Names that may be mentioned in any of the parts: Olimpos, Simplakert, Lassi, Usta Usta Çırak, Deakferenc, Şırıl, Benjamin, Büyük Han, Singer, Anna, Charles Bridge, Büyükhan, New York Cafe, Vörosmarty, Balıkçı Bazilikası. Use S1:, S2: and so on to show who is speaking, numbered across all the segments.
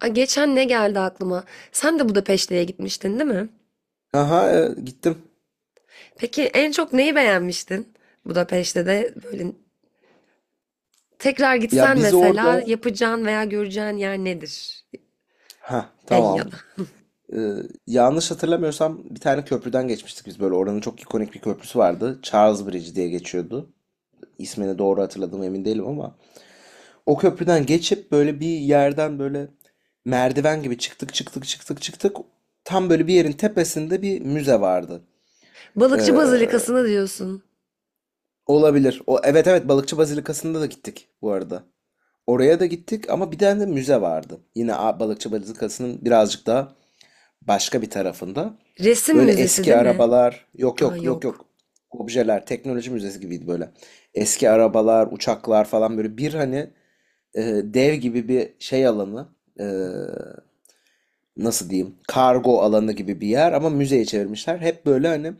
S1: Ay, geçen ne geldi aklıma? Sen de Budapeşte'ye gitmiştin, değil mi?
S2: Aha, gittim.
S1: Peki en çok neyi beğenmiştin Budapeşte'de? Böyle tekrar
S2: Ya
S1: gitsen
S2: biz
S1: mesela
S2: orada,
S1: yapacağın veya göreceğin yer nedir?
S2: ha,
S1: Şey
S2: tamam.
S1: ya da.
S2: Ee, Yanlış hatırlamıyorsam bir tane köprüden geçmiştik biz böyle. Oranın çok ikonik bir köprüsü vardı. Charles Bridge diye geçiyordu. İsmini doğru hatırladım emin değilim ama o köprüden geçip böyle bir yerden böyle merdiven gibi çıktık çıktık çıktık çıktık. Tam böyle bir yerin tepesinde bir müze vardı.
S1: Balıkçı
S2: Ee,
S1: Bazilikası'nı diyorsun.
S2: Olabilir. O, evet, evet, Balıkçı Bazilikası'nda da gittik bu arada. Oraya da gittik ama bir tane de müze vardı. Yine Balıkçı Bazilikası'nın birazcık daha başka bir tarafında.
S1: Resim
S2: Böyle
S1: müzesi
S2: eski
S1: değil mi?
S2: arabalar, yok,
S1: Aa
S2: yok, yok,
S1: yok.
S2: yok. Objeler, teknoloji müzesi gibiydi böyle. Eski arabalar, uçaklar falan, böyle bir hani, dev gibi bir şey alanı, e, nasıl diyeyim, kargo alanı gibi bir yer ama müzeye çevirmişler. Hep böyle hani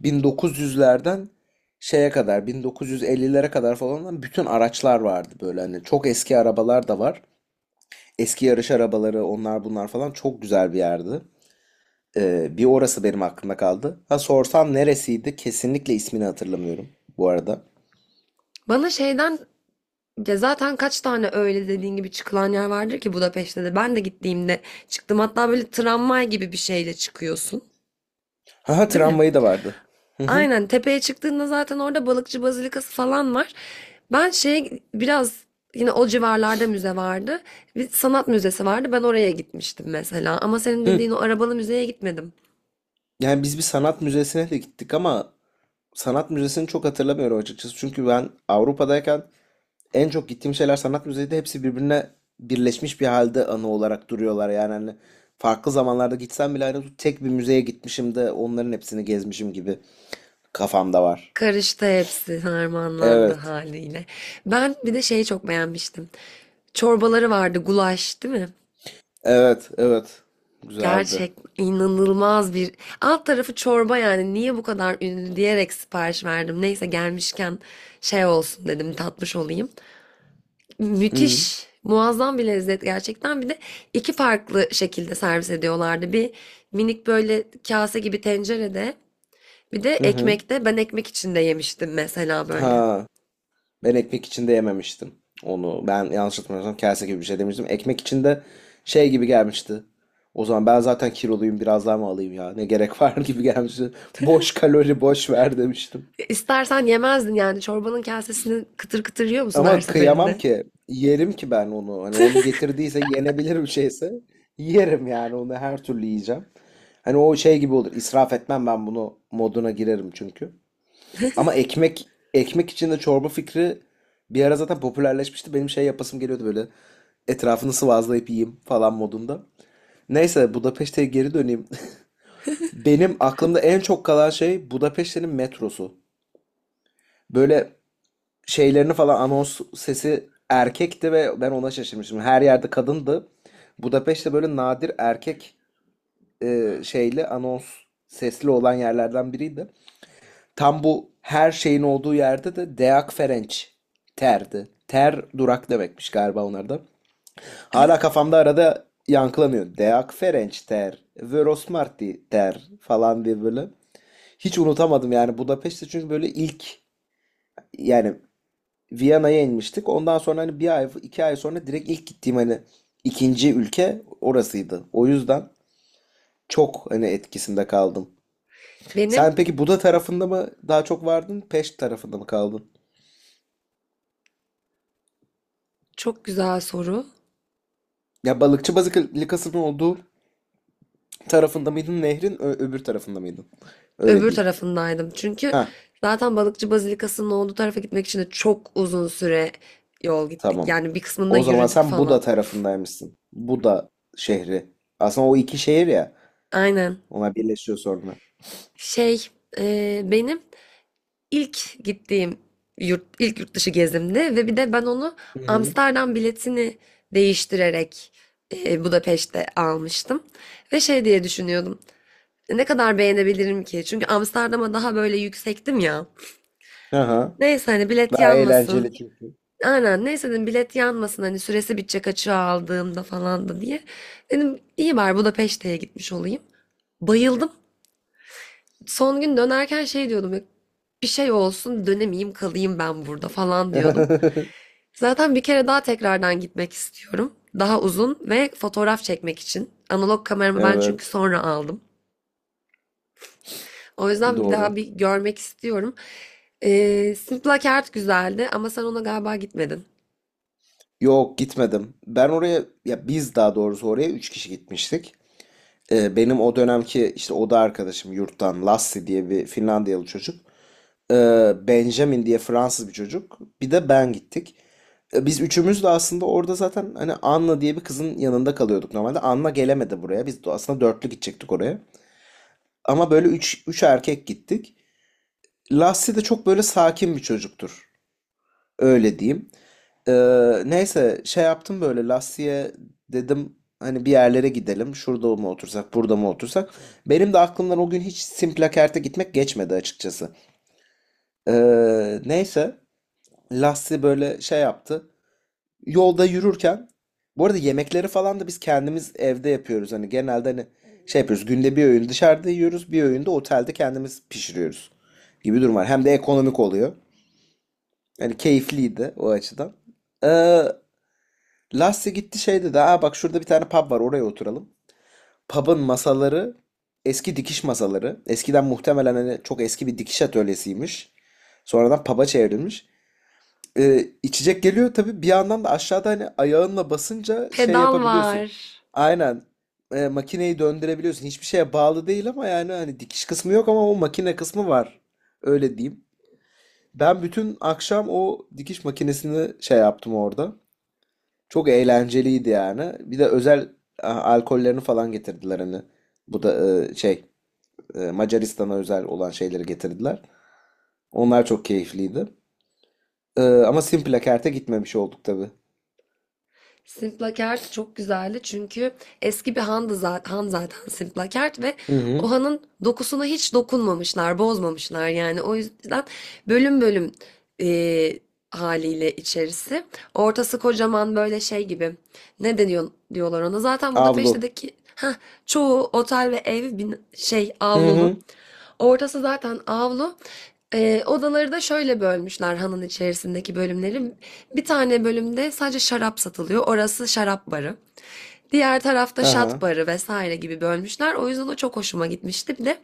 S2: 1900'lerden şeye kadar 1950'lere kadar falan olan bütün araçlar vardı, böyle hani çok eski arabalar da var. Eski yarış arabaları, onlar bunlar falan, çok güzel bir yerdi. Bir orası benim aklımda kaldı. Ha, sorsam neresiydi? Kesinlikle ismini hatırlamıyorum bu arada.
S1: Bana şeyden ya zaten kaç tane öyle dediğin gibi çıkılan yer vardır ki Budapeşte'de. Ben de gittiğimde çıktım. Hatta böyle tramvay gibi bir şeyle çıkıyorsun.
S2: Ha, ha,
S1: Değil mi?
S2: tramvayı da vardı. Hı hı.
S1: Aynen tepeye çıktığında zaten orada balıkçı bazilikası falan var. Ben şey biraz yine o civarlarda müze vardı. Bir sanat müzesi vardı. Ben oraya gitmiştim mesela. Ama senin
S2: Hı.
S1: dediğin o arabalı müzeye gitmedim.
S2: Yani biz bir sanat müzesine de gittik ama sanat müzesini çok hatırlamıyorum açıkçası. Çünkü ben Avrupa'dayken en çok gittiğim şeyler sanat müzeydi. Hepsi birbirine birleşmiş bir halde anı olarak duruyorlar. Yani hani farklı zamanlarda gitsem bile aynı tek bir müzeye gitmişim de onların hepsini gezmişim gibi kafamda var.
S1: Karıştı hepsi harmanlandı
S2: Evet.
S1: haliyle. Ben bir de şeyi çok beğenmiştim. Çorbaları vardı gulaş değil mi?
S2: Evet, evet. Güzeldi.
S1: Gerçek inanılmaz bir alt tarafı çorba yani niye bu kadar ünlü diyerek sipariş verdim. Neyse gelmişken şey olsun dedim tatmış olayım.
S2: Hı hı.
S1: Müthiş, muazzam bir lezzet gerçekten. Bir de iki farklı şekilde servis ediyorlardı. Bir minik böyle kase gibi tencerede, bir de
S2: Hı hı.
S1: ekmekte. Ben ekmek içinde yemiştim mesela böyle.
S2: Ha, ben ekmek içinde yememiştim onu. Ben yanlış hatırlamıyorsam kase gibi bir şey demiştim. Ekmek içinde şey gibi gelmişti. O zaman ben zaten kiloluyum, biraz daha mı alayım ya, ne gerek var gibi gelmişti. Boş kalori, boş ver demiştim.
S1: İstersen yemezdin yani çorbanın kasesini kıtır kıtır yiyor musun her
S2: Ama kıyamam
S1: seferinde?
S2: ki, yerim ki ben onu. Hani onu getirdiyse, yenebilir bir şeyse yerim yani, onu her türlü yiyeceğim. Hani o şey gibi olur, israf etmem ben, bunu moduna girerim çünkü. Ama ekmek içinde çorba fikri bir ara zaten popülerleşmişti. Benim şey yapasım geliyordu böyle. Etrafını sıvazlayıp yiyeyim falan modunda. Neyse, Budapeşte'ye geri döneyim. Benim aklımda en çok kalan şey Budapeşte'nin metrosu. Böyle şeylerini falan, anons sesi erkekti ve ben ona şaşırmıştım. Her yerde kadındı. Budapeşte böyle nadir erkek, şeyli anons sesli olan yerlerden biriydi. Tam bu her şeyin olduğu yerde de Deakferenc terdi. Ter, durak demekmiş galiba onlarda. Hala kafamda arada yankılanıyor. Deakferenc ter, Vörosmarty ter falan diye böyle. Hiç unutamadım yani Budapeşte çünkü böyle ilk, yani Viyana'ya inmiştik. Ondan sonra hani bir ay, iki ay sonra direkt ilk gittiğim hani ikinci ülke orasıydı. O yüzden çok hani etkisinde kaldım.
S1: Benim
S2: Sen peki Buda tarafında mı daha çok vardın, Peşt tarafında mı kaldın?
S1: çok güzel soru.
S2: Ya, balıkçı balık likasının olduğu tarafında mıydın, nehrin öbür tarafında mıydın? Öyle
S1: Öbür
S2: diyeyim.
S1: tarafındaydım. Çünkü
S2: Ha,
S1: zaten balıkçı bazilikasının olduğu tarafa gitmek için de çok uzun süre yol gittik.
S2: tamam.
S1: Yani bir kısmında
S2: O zaman
S1: yürüdük
S2: sen Buda
S1: falan.
S2: tarafındaymışsın. Buda şehri. Aslında o, iki şehir ya.
S1: Aynen.
S2: Ona birleşiyor sonra.
S1: Şey, benim İlk gittiğim yurt, ilk yurt dışı gezimdi ve bir de ben onu
S2: Hı hı.
S1: Amsterdam biletini değiştirerek Budapeşte almıştım. Ve şey diye düşünüyordum. Ne kadar beğenebilirim ki? Çünkü Amsterdam'a daha böyle yüksektim ya.
S2: Aha.
S1: Neyse hani bilet
S2: Daha
S1: yanmasın.
S2: eğlenceli çünkü.
S1: Aynen neyse dedim bilet yanmasın hani süresi bitecek açığa aldığımda falan da diye. Dedim iyi bari Budapeşte'ye gitmiş olayım. Bayıldım. Son gün dönerken şey diyordum. Bir şey olsun dönemeyeyim kalayım ben burada falan diyordum. Zaten bir kere daha tekrardan gitmek istiyorum. Daha uzun ve fotoğraf çekmek için. Analog kameramı ben çünkü
S2: Evet.
S1: sonra aldım. O yüzden bir daha
S2: Doğru.
S1: bir görmek istiyorum. Simplakert güzeldi ama sen ona galiba gitmedin.
S2: Yok, gitmedim. Ben oraya, ya biz daha doğrusu, oraya 3 kişi gitmiştik. Benim o dönemki işte oda arkadaşım yurttan Lassi diye bir Finlandiyalı çocuk. Benjamin diye Fransız bir çocuk. Bir de ben, gittik. Biz üçümüz de aslında orada zaten hani Anna diye bir kızın yanında kalıyorduk normalde. Anna gelemedi buraya. Biz de aslında dörtlü gidecektik oraya. Ama böyle üç erkek gittik. Lassie de çok böyle sakin bir çocuktur. Öyle diyeyim. E, Neyse, şey yaptım böyle Lassie'ye, dedim hani bir yerlere gidelim. Şurada mı otursak, burada mı otursak. Benim de aklımdan o gün hiç Simplakert'e gitmek geçmedi açıkçası. E, Neyse. Lassi böyle şey yaptı. Yolda yürürken, bu arada yemekleri falan da biz kendimiz evde yapıyoruz. Hani genelde hani şey yapıyoruz. Günde bir öğün dışarıda yiyoruz. Bir öğün de otelde kendimiz pişiriyoruz gibi durum var. Hem de ekonomik oluyor. Hani keyifliydi o açıdan. Ee, Lassi gitti, şey dedi. Aa, bak, şurada bir tane pub var, oraya oturalım. Pub'ın masaları eski dikiş masaları. Eskiden muhtemelen hani çok eski bir dikiş atölyesiymiş. Sonradan pub'a çevrilmiş. İçecek geliyor tabii, bir yandan da aşağıda hani ayağınla basınca şey
S1: Pedal
S2: yapabiliyorsun.
S1: var.
S2: Aynen, makineyi döndürebiliyorsun. Hiçbir şeye bağlı değil ama, yani hani dikiş kısmı yok ama o makine kısmı var. Öyle diyeyim. Ben bütün akşam o dikiş makinesini şey yaptım orada. Çok eğlenceliydi yani. Bir de özel alkollerini falan getirdiler hani. Bu da şey, Macaristan'a özel olan şeyleri getirdiler. Onlar çok keyifliydi. Ama Simplakert'e gitmemiş olduk tabii.
S1: Simplakert çok güzeldi çünkü eski bir handı zaten, han zaten Simplakert ve
S2: Hı
S1: o
S2: hı.
S1: hanın dokusuna hiç dokunmamışlar, bozmamışlar yani. O yüzden bölüm bölüm e, haliyle içerisi. Ortası kocaman böyle şey gibi. Ne deniyor diyorlar ona. Zaten
S2: Avlu.
S1: Budapeşte'deki heh, çoğu otel ve ev şey
S2: Hı
S1: avlulu.
S2: hı.
S1: Ortası zaten avlu. Odaları da şöyle bölmüşler hanın içerisindeki bölümleri. Bir tane bölümde sadece şarap satılıyor. Orası şarap barı. Diğer tarafta şat
S2: Aha.
S1: barı vesaire gibi bölmüşler. O yüzden o çok hoşuma gitmişti. Bir de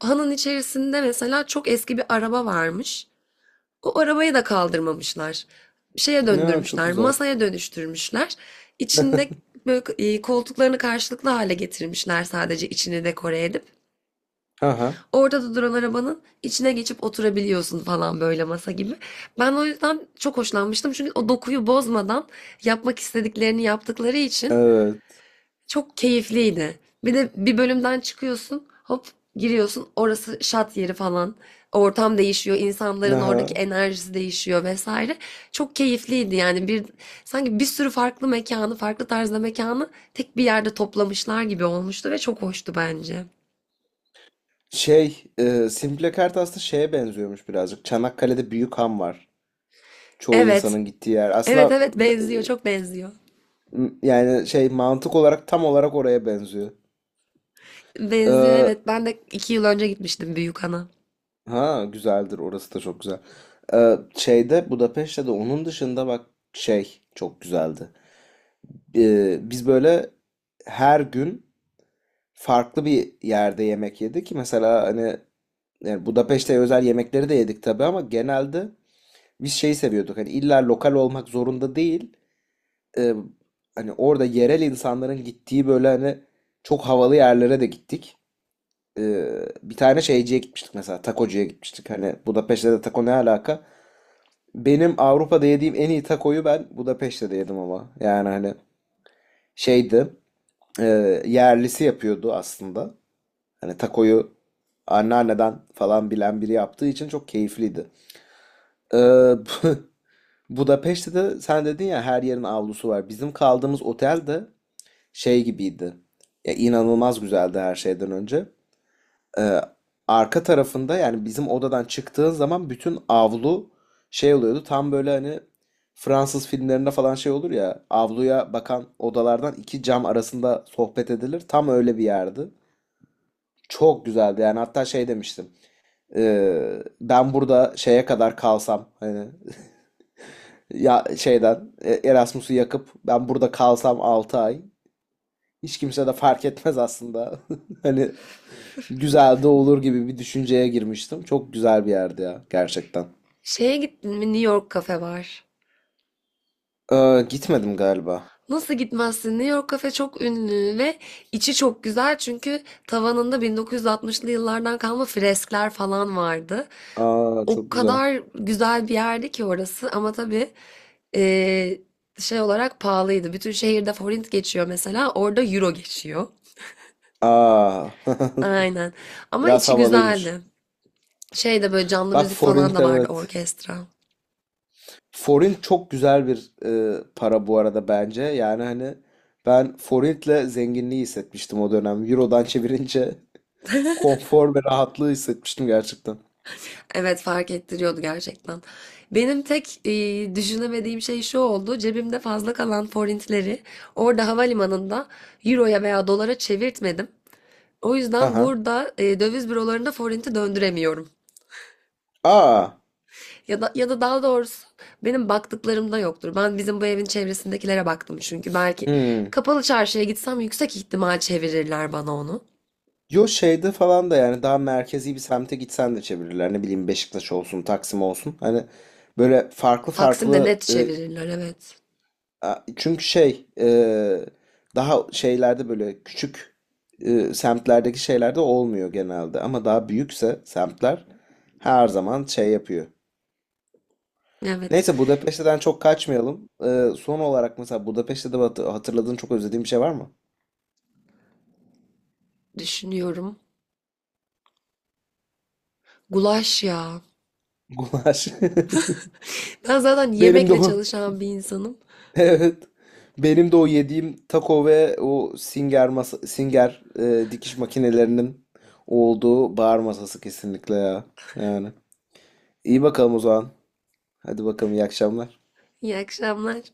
S1: hanın içerisinde mesela çok eski bir araba varmış. O arabayı da kaldırmamışlar. Şeye
S2: Ya, çok
S1: döndürmüşler,
S2: güzel.
S1: masaya dönüştürmüşler. İçinde böyle koltuklarını karşılıklı hale getirmişler sadece içini dekore edip.
S2: Aha.
S1: Orada da duran arabanın içine geçip oturabiliyorsun falan böyle masa gibi. Ben o yüzden çok hoşlanmıştım. Çünkü o dokuyu bozmadan yapmak istediklerini yaptıkları için
S2: Evet.
S1: çok keyifliydi. Bir de bir bölümden çıkıyorsun, hop giriyorsun. Orası şat yeri falan. Ortam değişiyor, insanların oradaki
S2: Aha.
S1: enerjisi değişiyor vesaire. Çok keyifliydi yani bir sanki bir sürü farklı mekanı, farklı tarzda mekanı tek bir yerde toplamışlar gibi olmuştu ve çok hoştu bence.
S2: Şey, Simple Kart aslında şeye benziyormuş birazcık. Çanakkale'de Büyük Han var. Çoğu
S1: Evet,
S2: insanın gittiği yer.
S1: evet
S2: Aslında,
S1: evet
S2: e,
S1: benziyor çok benziyor.
S2: yani şey mantık olarak tam olarak oraya benziyor. E,
S1: Benziyor evet, ben de 2 yıl önce gitmiştim Büyükhan'a.
S2: ha, güzeldir. Orası da çok güzel. Şeyde Budapeşte de onun dışında, bak, şey çok güzeldi. Biz böyle her gün farklı bir yerde yemek yedik. Mesela hani, yani Budapeşte özel yemekleri de yedik tabii ama genelde biz şeyi seviyorduk. Hani illa lokal olmak zorunda değil. Ee, Hani orada yerel insanların gittiği böyle hani çok havalı yerlere de gittik. Bir tane şeyciye gitmiştik mesela. Takocuya gitmiştik. Hani Budapeşte de taco ne alaka? Benim Avrupa'da yediğim en iyi takoyu ben Budapeşte'de yedim ama. Yani hani şeydi. e, Yerlisi yapıyordu aslında. Hani takoyu anneanneden falan bilen biri yaptığı için çok keyifliydi. Ee, Budapeşte de sen dedin ya, her yerin avlusu var. Bizim kaldığımız otel de şey gibiydi. Ya inanılmaz güzeldi her şeyden önce. Ee, Arka tarafında, yani bizim odadan çıktığın zaman bütün avlu şey oluyordu. Tam böyle hani Fransız filmlerinde falan şey olur ya, avluya bakan odalardan iki cam arasında sohbet edilir. Tam öyle bir yerdi. Çok güzeldi yani, hatta şey demiştim. Ben burada şeye kadar kalsam hani, ya şeyden, Erasmus'u yakıp ben burada kalsam 6 ay, hiç kimse de fark etmez aslında. Hani güzel de olur gibi bir düşünceye girmiştim. Çok güzel bir yerdi ya gerçekten.
S1: Şeye gittin mi, New York Cafe var.
S2: Aa, gitmedim galiba.
S1: Nasıl gitmezsin? New York Cafe çok ünlü ve içi çok güzel çünkü tavanında 1960'lı yıllardan kalma freskler falan vardı.
S2: Aa,
S1: O
S2: çok güzel.
S1: kadar güzel bir yerdi ki orası ama tabii eee, şey olarak pahalıydı. Bütün şehirde forint geçiyor mesela orada euro geçiyor.
S2: Aa,
S1: Aynen ama
S2: biraz
S1: içi
S2: havalıymış.
S1: güzeldi. Şey de böyle canlı
S2: Bak,
S1: müzik falan
S2: forint,
S1: da vardı
S2: evet.
S1: orkestra.
S2: Forint çok güzel bir, para bu arada bence. Yani hani ben forintle zenginliği hissetmiştim o dönem. Euro'dan çevirince konfor ve rahatlığı hissetmiştim gerçekten.
S1: Evet fark ettiriyordu gerçekten. Benim tek düşünemediğim şey şu oldu. Cebimde fazla kalan forintleri orada havalimanında euroya veya dolara çevirtmedim. O
S2: Ha,
S1: yüzden
S2: ha.
S1: burada döviz bürolarında forinti döndüremiyorum.
S2: Aa.
S1: Ya da daha doğrusu benim baktıklarımda yoktur. Ben bizim bu evin çevresindekilere baktım çünkü belki
S2: Hmm.
S1: kapalı çarşıya gitsem yüksek ihtimal çevirirler bana onu.
S2: Yo, şeyde falan da, yani daha merkezi bir semte gitsen de çevirirler. Ne bileyim, Beşiktaş olsun, Taksim olsun. Hani böyle farklı
S1: Taksim'de net
S2: farklı,
S1: çevirirler evet.
S2: Çünkü şey, daha şeylerde böyle küçük, semtlerdeki şeylerde olmuyor genelde ama daha büyükse semtler her zaman şey yapıyor.
S1: Evet
S2: Neyse, Budapeşte'den çok kaçmayalım. Son olarak mesela, Budapeşte'de hatırladığın çok özlediğin bir şey var mı?
S1: düşünüyorum. Gulaş ya.
S2: Gulaş.
S1: Ben zaten
S2: Benim de
S1: yemekle
S2: o.
S1: çalışan bir insanım.
S2: Evet. Benim de o yediğim taco ve o Singer Singer dikiş makinelerinin olduğu bar masası kesinlikle ya. Yani. İyi bakalım o zaman. Hadi bakalım, iyi akşamlar.
S1: İyi akşamlar.